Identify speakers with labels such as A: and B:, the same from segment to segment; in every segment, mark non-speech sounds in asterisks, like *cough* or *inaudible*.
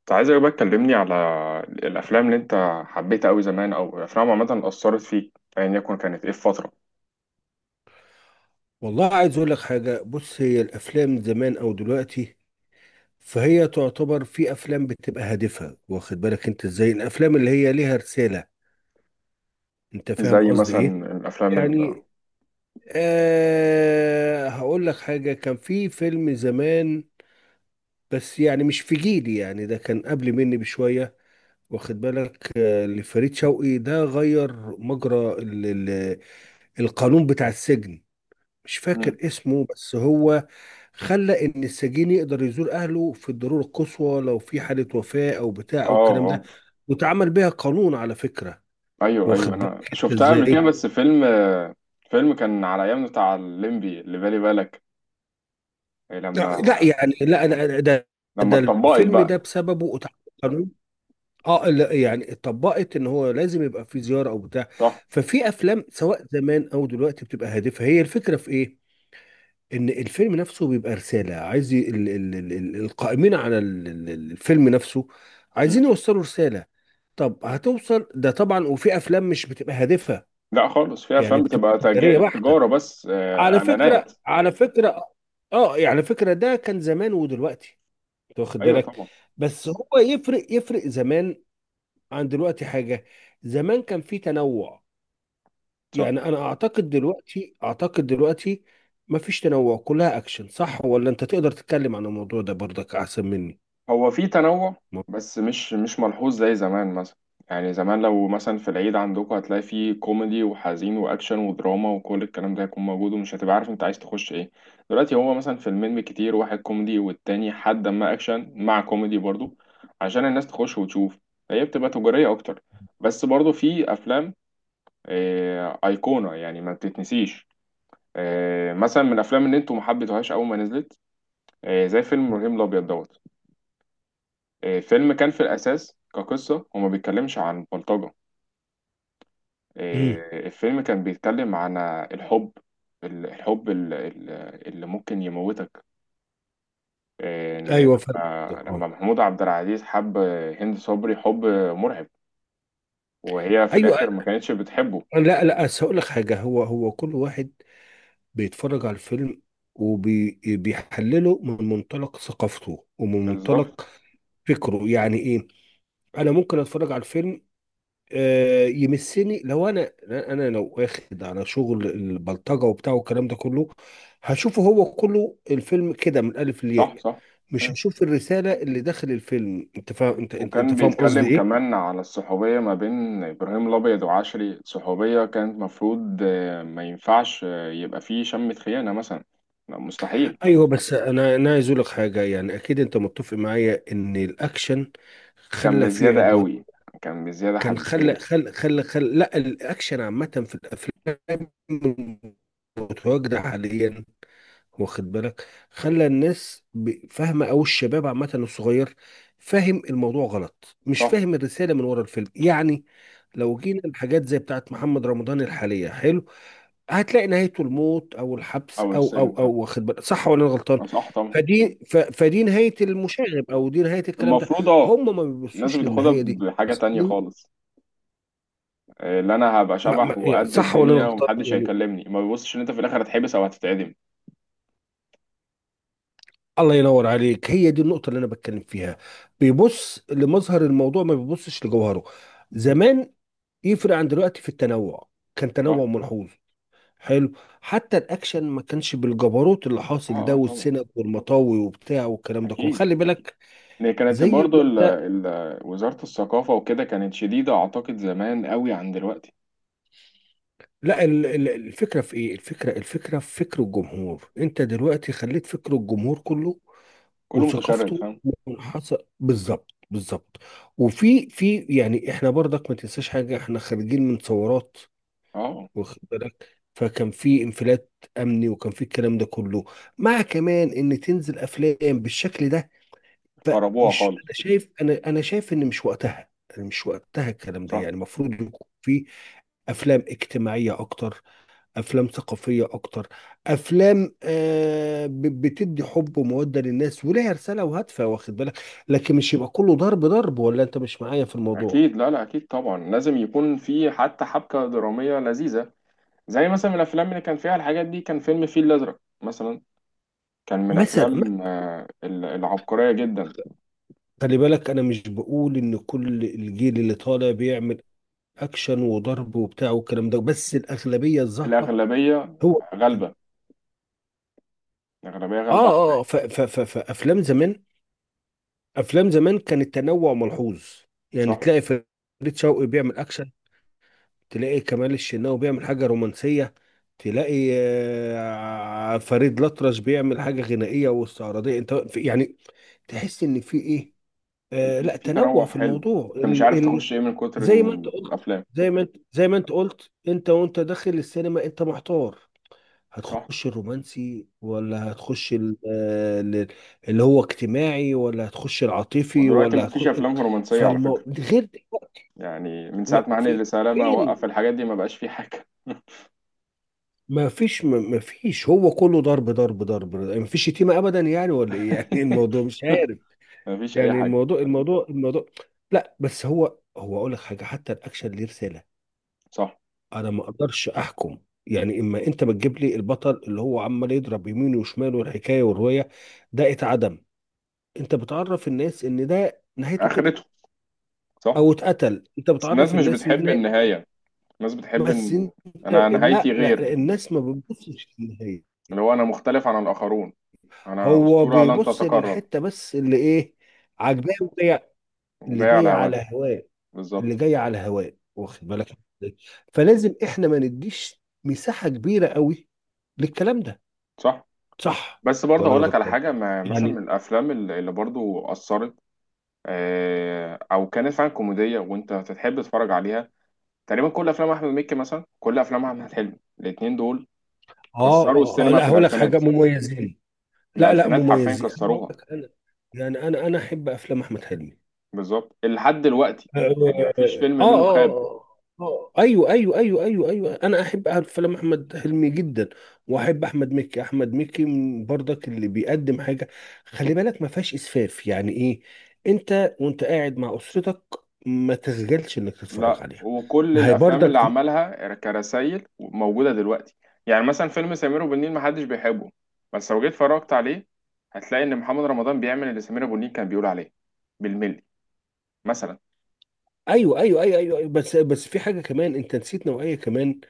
A: كنت عايزك بقى تكلمني على الأفلام اللي أنت حبيتها أوي زمان، أو الأفلام عامة أثرت فيك أيا يكن، كانت إيه في فترة
B: والله عايز اقول لك حاجه. بص، هي الافلام زمان او دلوقتي فهي تعتبر في افلام بتبقى هادفه، واخد بالك انت ازاي؟ الافلام اللي هي ليها رساله، انت فاهم
A: زي
B: قصدي ايه؟
A: مثلا. الأفلام.
B: يعني آه، هقول لك حاجه. كان في فيلم زمان، بس يعني مش في جيلي، يعني ده كان قبل مني بشويه، واخد بالك؟ آه، لفريد شوقي. ده غير مجرى القانون بتاع السجن. مش
A: مم.
B: فاكر اسمه، بس هو خلى ان السجين يقدر يزور اهله في الضروره القصوى، لو في حاله وفاه او بتاع
A: آه.
B: او الكلام ده.
A: آه،
B: واتعمل بيها قانون على فكره.
A: أيوه أيوه،
B: واخد
A: أنا
B: بالك انت
A: شفتها قبل كده،
B: ازاي؟
A: بس فيلم كان على أيام بتاع الليمبي، اللي بالي بالك إيه،
B: لا
A: لما
B: لا، يعني لا ده.
A: لما
B: ده
A: اتطبقت
B: الفيلم ده
A: بقى.
B: بسببه اتعمل قانون. اه لا، يعني اتطبقت ان هو لازم يبقى في زياره او بتاع.
A: صح؟
B: ففي افلام سواء زمان او دلوقتي بتبقى هادفه. هي الفكره في ايه؟ ان الفيلم نفسه بيبقى رساله. عايز ي- ال ال ال ال القائمين على الفيلم نفسه
A: مم.
B: عايزين يوصلوا رساله. طب هتوصل ده طبعا. وفي افلام مش بتبقى هادفه،
A: لا خالص، في
B: يعني
A: أفلام
B: بتبقى
A: بتبقى
B: تجاريه بحته.
A: تجارة بس،
B: على
A: إعلانات.
B: فكره، على فكره، اه يعني على فكره، ده كان زمان ودلوقتي، انت واخد
A: أيوه
B: بالك؟
A: طبعا.
B: بس هو يفرق، يفرق زمان عن دلوقتي حاجه. زمان كان في تنوع.
A: صح.
B: يعني انا اعتقد دلوقتي، اعتقد دلوقتي ما فيش تنوع، كلها اكشن. صح ولا انت تقدر تتكلم عن الموضوع ده برضك احسن مني؟
A: هو في تنوع،
B: ما-
A: بس مش ملحوظ زي زمان مثلا. يعني زمان لو مثلا في العيد عندكم، هتلاقي فيه كوميدي وحزين واكشن ودراما وكل الكلام ده هيكون موجود، ومش هتبقى عارف انت عايز تخش ايه. دلوقتي هو مثلا فيلمين بالكتير، واحد كوميدي والتاني حد ما اكشن مع كوميدي برضو، عشان الناس تخش وتشوف. هي بتبقى تجارية اكتر، بس برضو في افلام ايقونة يعني، ما بتتنسيش. آه، مثلا من الافلام اللي انتوا ما حبيتوهاش اول ما نزلت، آه، زي فيلم ابراهيم الابيض دوت. آه، الفيلم كان في الأساس كقصة هو ما بيتكلمش عن بلطجة.
B: امم،
A: إيه، الفيلم كان بيتكلم عن الحب الحب اللي ممكن يموتك. إيه، إن
B: ايوه فاهم
A: لما
B: قصدك.
A: لما
B: آه.
A: محمود عبد العزيز حب هند صبري، حب مرعب، وهي في
B: ايوه.
A: الآخر ما كانتش بتحبه.
B: لا لا، أصل هقول لك حاجه، هو كل واحد بيتفرج على الفيلم وبيحلله من منطلق ثقافته ومن
A: بالظبط.
B: منطلق فكره. يعني ايه؟ انا ممكن اتفرج على الفيلم، آه، يمسني لو انا لو واخد على شغل البلطجه وبتاع والكلام ده كله، هشوفه هو كله الفيلم كده من الالف للياء.
A: صح، صح.
B: مش
A: إيه.
B: هشوف الرساله اللي داخل الفيلم. انت فاهم؟ انت
A: وكان
B: فاهم قصدي
A: بيتكلم
B: ايه؟
A: كمان على الصحوبية ما بين إبراهيم الأبيض وعشري، صحوبية كانت مفروض ما ينفعش يبقى فيه شمة خيانة مثلا، مستحيل.
B: ايوه بس انا عايز اقول لك حاجه، يعني اكيد انت متفق معايا ان الاكشن
A: كان
B: خلى فيه
A: بزيادة
B: عدوان.
A: قوي، كان بزيادة
B: كان خلى
A: حبتين.
B: خلى خلى خلى لا الاكشن عامه في الافلام المتواجده حاليا، واخد بالك؟ خلى الناس فاهمه، او الشباب عامه الصغير فاهم الموضوع غلط، مش
A: صح.
B: فاهم الرساله من ورا الفيلم يعني. لو جينا الحاجات زي بتاعت محمد رمضان الحاليه، حلو، هتلاقي نهايته الموت او الحبس
A: أو
B: او
A: السجن،
B: او او
A: صح.
B: واخد بالك؟ صح ولا انا غلطان؟
A: أه، صح طبعا.
B: فدي نهايه المشاغب، او دي نهايه الكلام ده.
A: المفروض أه.
B: هم ما
A: الناس
B: بيبصوش
A: بتاخدها
B: للنهايه دي.
A: بحاجة تانية
B: أصل-
A: خالص. آه، اللي أنا هبقى شبح
B: يعني
A: وقد
B: صح ولا انا
A: الدنيا
B: غلطان
A: ومحدش
B: يعني؟
A: هيكلمني، ما بيبصش إن أنت في الآخر هتحبس أو هتتعدم.
B: الله ينور عليك، هي دي النقطة اللي أنا بتكلم فيها. بيبص لمظهر الموضوع، ما بيبصش لجوهره. زمان يفرق عن دلوقتي في التنوع، كان
A: صح؟
B: تنوع ملحوظ. حلو. حتى الأكشن ما كانش بالجبروت اللي
A: أه
B: حاصل
A: أه
B: ده،
A: طبعا.
B: والسنج والمطاوي وبتاع والكلام ده كله،
A: أكيد.
B: خلي بالك.
A: هي كانت
B: زي
A: برضو
B: ما
A: ال
B: أنت.
A: ال وزارة الثقافة وكده كانت شديدة أعتقد زمان قوي عن دلوقتي.
B: لا الفكرة في ايه؟ الفكرة، الفكرة في فكر الجمهور. انت دلوقتي خليت فكر الجمهور كله
A: كله متشرد،
B: وثقافته
A: فاهم؟
B: منحصر. بالظبط، بالظبط. وفي يعني احنا برضك ما تنساش حاجة، احنا خارجين من ثورات،
A: أه،
B: واخد بالك؟ فكان في انفلات امني وكان في الكلام ده كله، مع كمان ان تنزل افلام بالشكل ده.
A: خربوها
B: فمش، انا
A: خالص.
B: شايف، انا شايف ان مش وقتها يعني، مش وقتها الكلام ده
A: صح.
B: يعني. المفروض يكون في افلام اجتماعية اكتر، افلام ثقافيه اكتر، افلام آه بتدي حب وموده للناس وليها رساله وهدفها، واخد بالك؟ لكن مش يبقى كله ضرب ضرب. ولا انت مش معايا في الموضوع؟
A: أكيد. لا لا، أكيد طبعا، لازم يكون في حتى حبكة درامية لذيذة. زي مثلا من الافلام اللي كان فيها الحاجات دي، كان فيلم الفيل الازرق مثلا، كان من
B: مثلا
A: افلام العبقريه جدا.
B: خلي بالك انا مش بقول ان كل الجيل اللي طالع بيعمل اكشن وضرب وبتاع والكلام ده، بس الاغلبيه الظاهره
A: الاغلبيه
B: هو.
A: غالبه، الاغلبيه غالبه على الباقي.
B: فافلام زمان، افلام زمان كان التنوع ملحوظ. يعني
A: صح.
B: تلاقي فريد شوقي بيعمل اكشن، تلاقي كمال الشناوي بيعمل حاجة رومانسية، تلاقي آه، فريد الأطرش بيعمل حاجة غنائية واستعراضية. انت يعني تحس ان في ايه؟
A: في
B: آه
A: في
B: لا،
A: في
B: تنوع
A: تنوع
B: في
A: حلو،
B: الموضوع
A: انت مش
B: ال
A: عارف
B: ال
A: تخش ايه من كتر
B: زي ما انت
A: إن
B: قلت،
A: الافلام.
B: زي ما انت قلت، انت وانت داخل السينما انت محتار.
A: صح.
B: هتخش الرومانسي ولا هتخش اللي هو اجتماعي، ولا هتخش العاطفي،
A: ودلوقتي
B: ولا
A: مفيش
B: هتخش.
A: افلام رومانسيه على فكره،
B: غير دلوقتي،
A: يعني من ساعه ما
B: في
A: هاني سلامه
B: فين؟
A: وقف الحاجات دي، ما بقاش في حاجه.
B: ما فيش، ما فيش، هو كله ضرب. ما فيش شتيمة ابدا يعني ولا ايه يعني؟ *laughs* الموضوع
A: *laughs*
B: مش عارف
A: مفيش اي
B: يعني.
A: حاجه.
B: الموضوع لا، بس هو، هو اقول لك حاجة، حتى الاكشن ليه رسالة.
A: صح.
B: انا ما اقدرش احكم يعني. اما انت بتجيب لي البطل اللي هو عمال يضرب يمين وشمال والحكاية والرواية، ده اتعدم. انت بتعرف الناس ان ده نهايته كده،
A: اخرته. صح.
B: او اتقتل، انت
A: بس الناس
B: بتعرف
A: مش
B: الناس ان دي
A: بتحب
B: نهايته.
A: النهايه، الناس بتحب
B: بس
A: ان
B: انت،
A: انا
B: لا لا
A: نهايتي غير،
B: لا، الناس ما بتبصش للنهاية.
A: اللي هو انا مختلف عن الاخرون، انا
B: هو
A: اسطوره لن
B: بيبص
A: تتكرر.
B: للحته بس اللي ايه؟ عاجباه وجاية- اللي
A: وجاي على
B: جايه على
A: هواها.
B: هواه، اللي
A: بالظبط.
B: جايه على هواه، واخد بالك إزاي؟ فلازم احنا ما نديش مساحه كبيره قوي للكلام ده.
A: صح.
B: صح
A: بس برضه
B: ولا انا
A: هقول لك على
B: غلطان
A: حاجه، ما مثلا
B: يعني؟
A: من الافلام اللي برضه اثرت، آه، او كانت فعلا كوميديه وانت تحب تتفرج عليها، تقريبا كل افلام احمد مكي مثلا، كل افلام احمد حلمي، الاثنين دول كسروا السينما في
B: لا هقول لك حاجه،
A: الالفينات.
B: مميزين. لا لا،
A: الالفينات حرفيا
B: مميزين. أنا هقول
A: كسروها.
B: لك انا، يعني انا احب افلام احمد حلمي.
A: بالظبط. لحد دلوقتي،
B: اه
A: يعني مفيش فيلم
B: اه
A: منه خاب.
B: اه ايوه انا احب أعرف فيلم احمد حلمي جدا. واحب احمد مكي. احمد مكي من برضك اللي بيقدم حاجه، خلي بالك، ما فيهاش اسفاف. يعني ايه؟ انت وانت قاعد مع اسرتك ما تسجلش انك تتفرج
A: لا،
B: عليها.
A: وكل
B: ما هي
A: الافلام اللي
B: برضك.
A: عملها كرسائل موجوده دلوقتي، يعني مثلا فيلم سمير وبنين ما محدش بيحبه، بس لو جيت اتفرجت عليه، هتلاقي ان محمد رمضان بيعمل اللي سمير ابو النيل كان بيقول عليه بالملي مثلا.
B: ايوه بس بس في حاجه كمان انت نسيت، نوعيه كمان،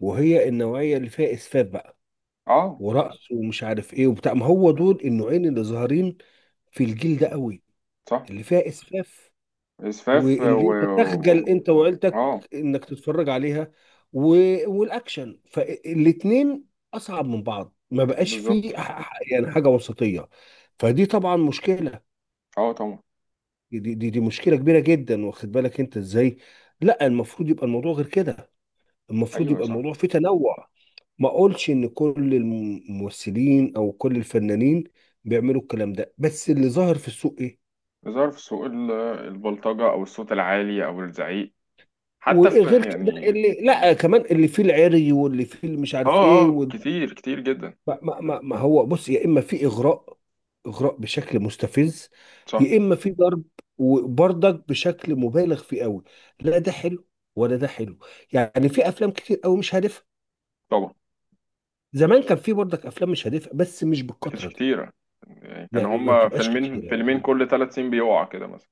B: وهي النوعيه اللي فيها اسفاف بقى،
A: اه.
B: ورقص ومش عارف ايه وبتاع. ما هو دول النوعين اللي ظاهرين في الجيل ده قوي،
A: صح.
B: اللي فيها اسفاف،
A: اسفاف
B: واللي انت تخجل انت وعيلتك
A: اه.
B: انك تتفرج عليها و... والاكشن. فالاتنين اصعب من بعض، ما بقاش فيه
A: بالظبط.
B: يعني حاجه وسطيه. فدي طبعا مشكله.
A: اه طبعا.
B: دي مشكله كبيره جدا، واخد بالك انت ازاي؟ لا المفروض يبقى الموضوع غير كده. المفروض
A: ايوه
B: يبقى
A: صح،
B: الموضوع فيه تنوع. ما اقولش ان كل الممثلين او كل الفنانين بيعملوا الكلام ده، بس اللي ظاهر في السوق ايه؟
A: ظهر في سوق البلطجه، او الصوت العالي، او الزعيق حتى، في
B: وغير كده
A: يعني.
B: اللي، لا كمان، اللي فيه العري واللي فيه اللي مش
A: اه
B: عارف ايه
A: اه،
B: وال...
A: كتير كتير جدا.
B: ما هو بص، يا اما في اغراء، اغراء بشكل مستفز،
A: صح
B: يا اما في ضرب، وبرضك بشكل مبالغ فيه قوي. لا ده حلو ولا ده حلو. يعني في افلام كتير قوي مش هادفه.
A: طبعا.
B: زمان كان في برضك افلام مش هادفه، بس مش
A: ما كانتش
B: بالكتره دي.
A: كتيرة، يعني كان
B: يعني ما
A: هما
B: بتبقاش
A: فيلمين
B: كتير
A: فيلمين
B: يعني.
A: كل 3 سنين بيقع كده مثلا.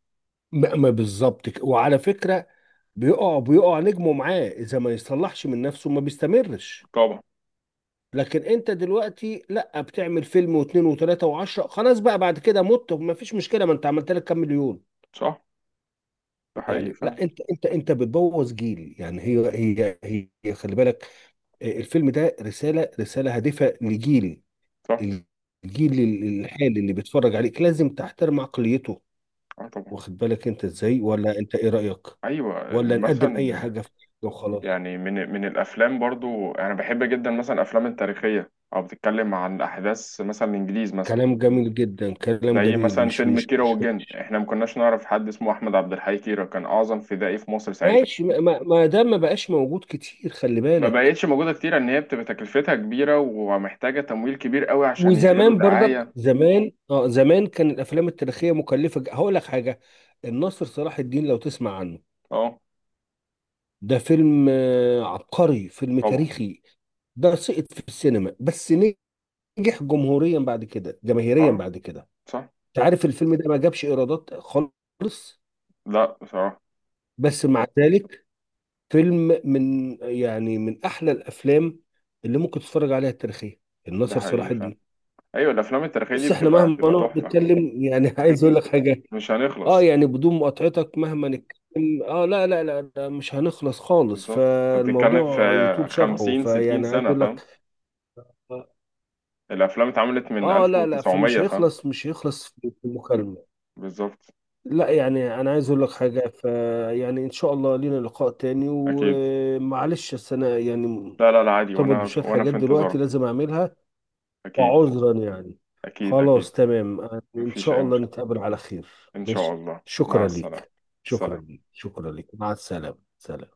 B: ما, ما بالظبط كده. وعلى فكره، بيقع نجمه معاه، اذا ما يصلحش من نفسه ما بيستمرش.
A: طبعا.
B: لكن انت دلوقتي لا، بتعمل فيلم واثنين وثلاثة وعشرة، خلاص بقى بعد كده مت، ما فيش مشكلة، ما انت عملت لك كام مليون.
A: صح. ده حقيقي
B: يعني
A: فعلا.
B: لا، انت بتبوظ جيل يعني. هي هي خلي بالك، آه، الفيلم ده رسالة، رسالة هادفة لجيل.
A: صح.
B: الجيل الحالي اللي بيتفرج عليك لازم تحترم عقليته،
A: اه طبعا.
B: واخد بالك انت ازاي؟ ولا انت ايه رأيك؟
A: ايوه،
B: ولا
A: إن
B: نقدم اي
A: مثلا،
B: حاجة وخلاص؟
A: يعني من الافلام برضو انا بحب جدا مثلا الافلام التاريخيه، او بتتكلم عن احداث مثلا الانجليز مثلا.
B: كلام جميل جدا، كلام
A: زي
B: جميل.
A: مثلا
B: مش
A: فيلم
B: مش
A: كيرة
B: مش
A: والجن، احنا ما كناش نعرف حد اسمه احمد عبد الحي كيرة، كان اعظم فدائي في مصر ساعتها.
B: ماشي. ما ما ما ده ما بقاش موجود كتير، خلي
A: ما
B: بالك.
A: بقتش موجوده كتير، ان هي بتبقى تكلفتها كبيره ومحتاجه تمويل كبير قوي عشان يعملوا
B: وزمان برضك
A: دعايه.
B: زمان، اه زمان، كان الافلام التاريخيه مكلفه. هقول لك حاجه، الناصر صلاح الدين، لو تسمع عنه،
A: اه
B: ده فيلم آه، عبقري. فيلم
A: طبعا.
B: تاريخي. ده سقط في السينما بس، نجح جمهوريا بعد كده، جماهيريا
A: اه،
B: بعد كده.
A: صح.
B: انت عارف الفيلم ده ما جابش ايرادات خالص،
A: لا بصراحة.
B: بس مع ذلك فيلم من يعني من احلى الافلام اللي ممكن تتفرج عليها التاريخيه،
A: ده
B: الناصر
A: حقيقي
B: صلاح
A: فعلا.
B: الدين.
A: أيوة، الأفلام التاريخية دي
B: بص احنا
A: بتبقى
B: مهما
A: بتبقى
B: نقعد
A: تحفة.
B: نتكلم يعني *laughs* عايز اقول لك حاجه،
A: مش
B: اه
A: هنخلص.
B: يعني بدون مقاطعتك، مهما نتكلم، اه لا، مش هنخلص خالص.
A: بالظبط، أنت بتتكلم في
B: فالموضوع يطول شرحه،
A: خمسين ستين
B: فيعني عايز
A: سنة
B: اقول
A: فاهم؟
B: لك،
A: الأفلام اتعملت من
B: اه
A: ألف
B: لا لا، فمش
A: وتسعمية فاهم؟
B: هيخلص، مش هيخلص في المكالمه.
A: بالظبط.
B: لا يعني انا عايز اقول لك حاجه، فيعني ان شاء الله لينا لقاء تاني،
A: أكيد.
B: ومعلش السنه يعني
A: لا لا لا، عادي،
B: مرتبط
A: وأنا
B: بشويه
A: وأنا
B: حاجات
A: في
B: دلوقتي
A: انتظارك.
B: لازم اعملها،
A: أكيد.
B: وعذرا يعني.
A: أكيد أكيد.
B: خلاص تمام، آه، ان
A: مفيش
B: شاء
A: أي
B: الله
A: مشكلة.
B: نتقابل على خير.
A: إن شاء
B: ماشي،
A: الله، مع
B: شكرا
A: السلامة.
B: ليك شكرا
A: سلام.
B: ليك شكرا ليك، مع السلامة، سلام.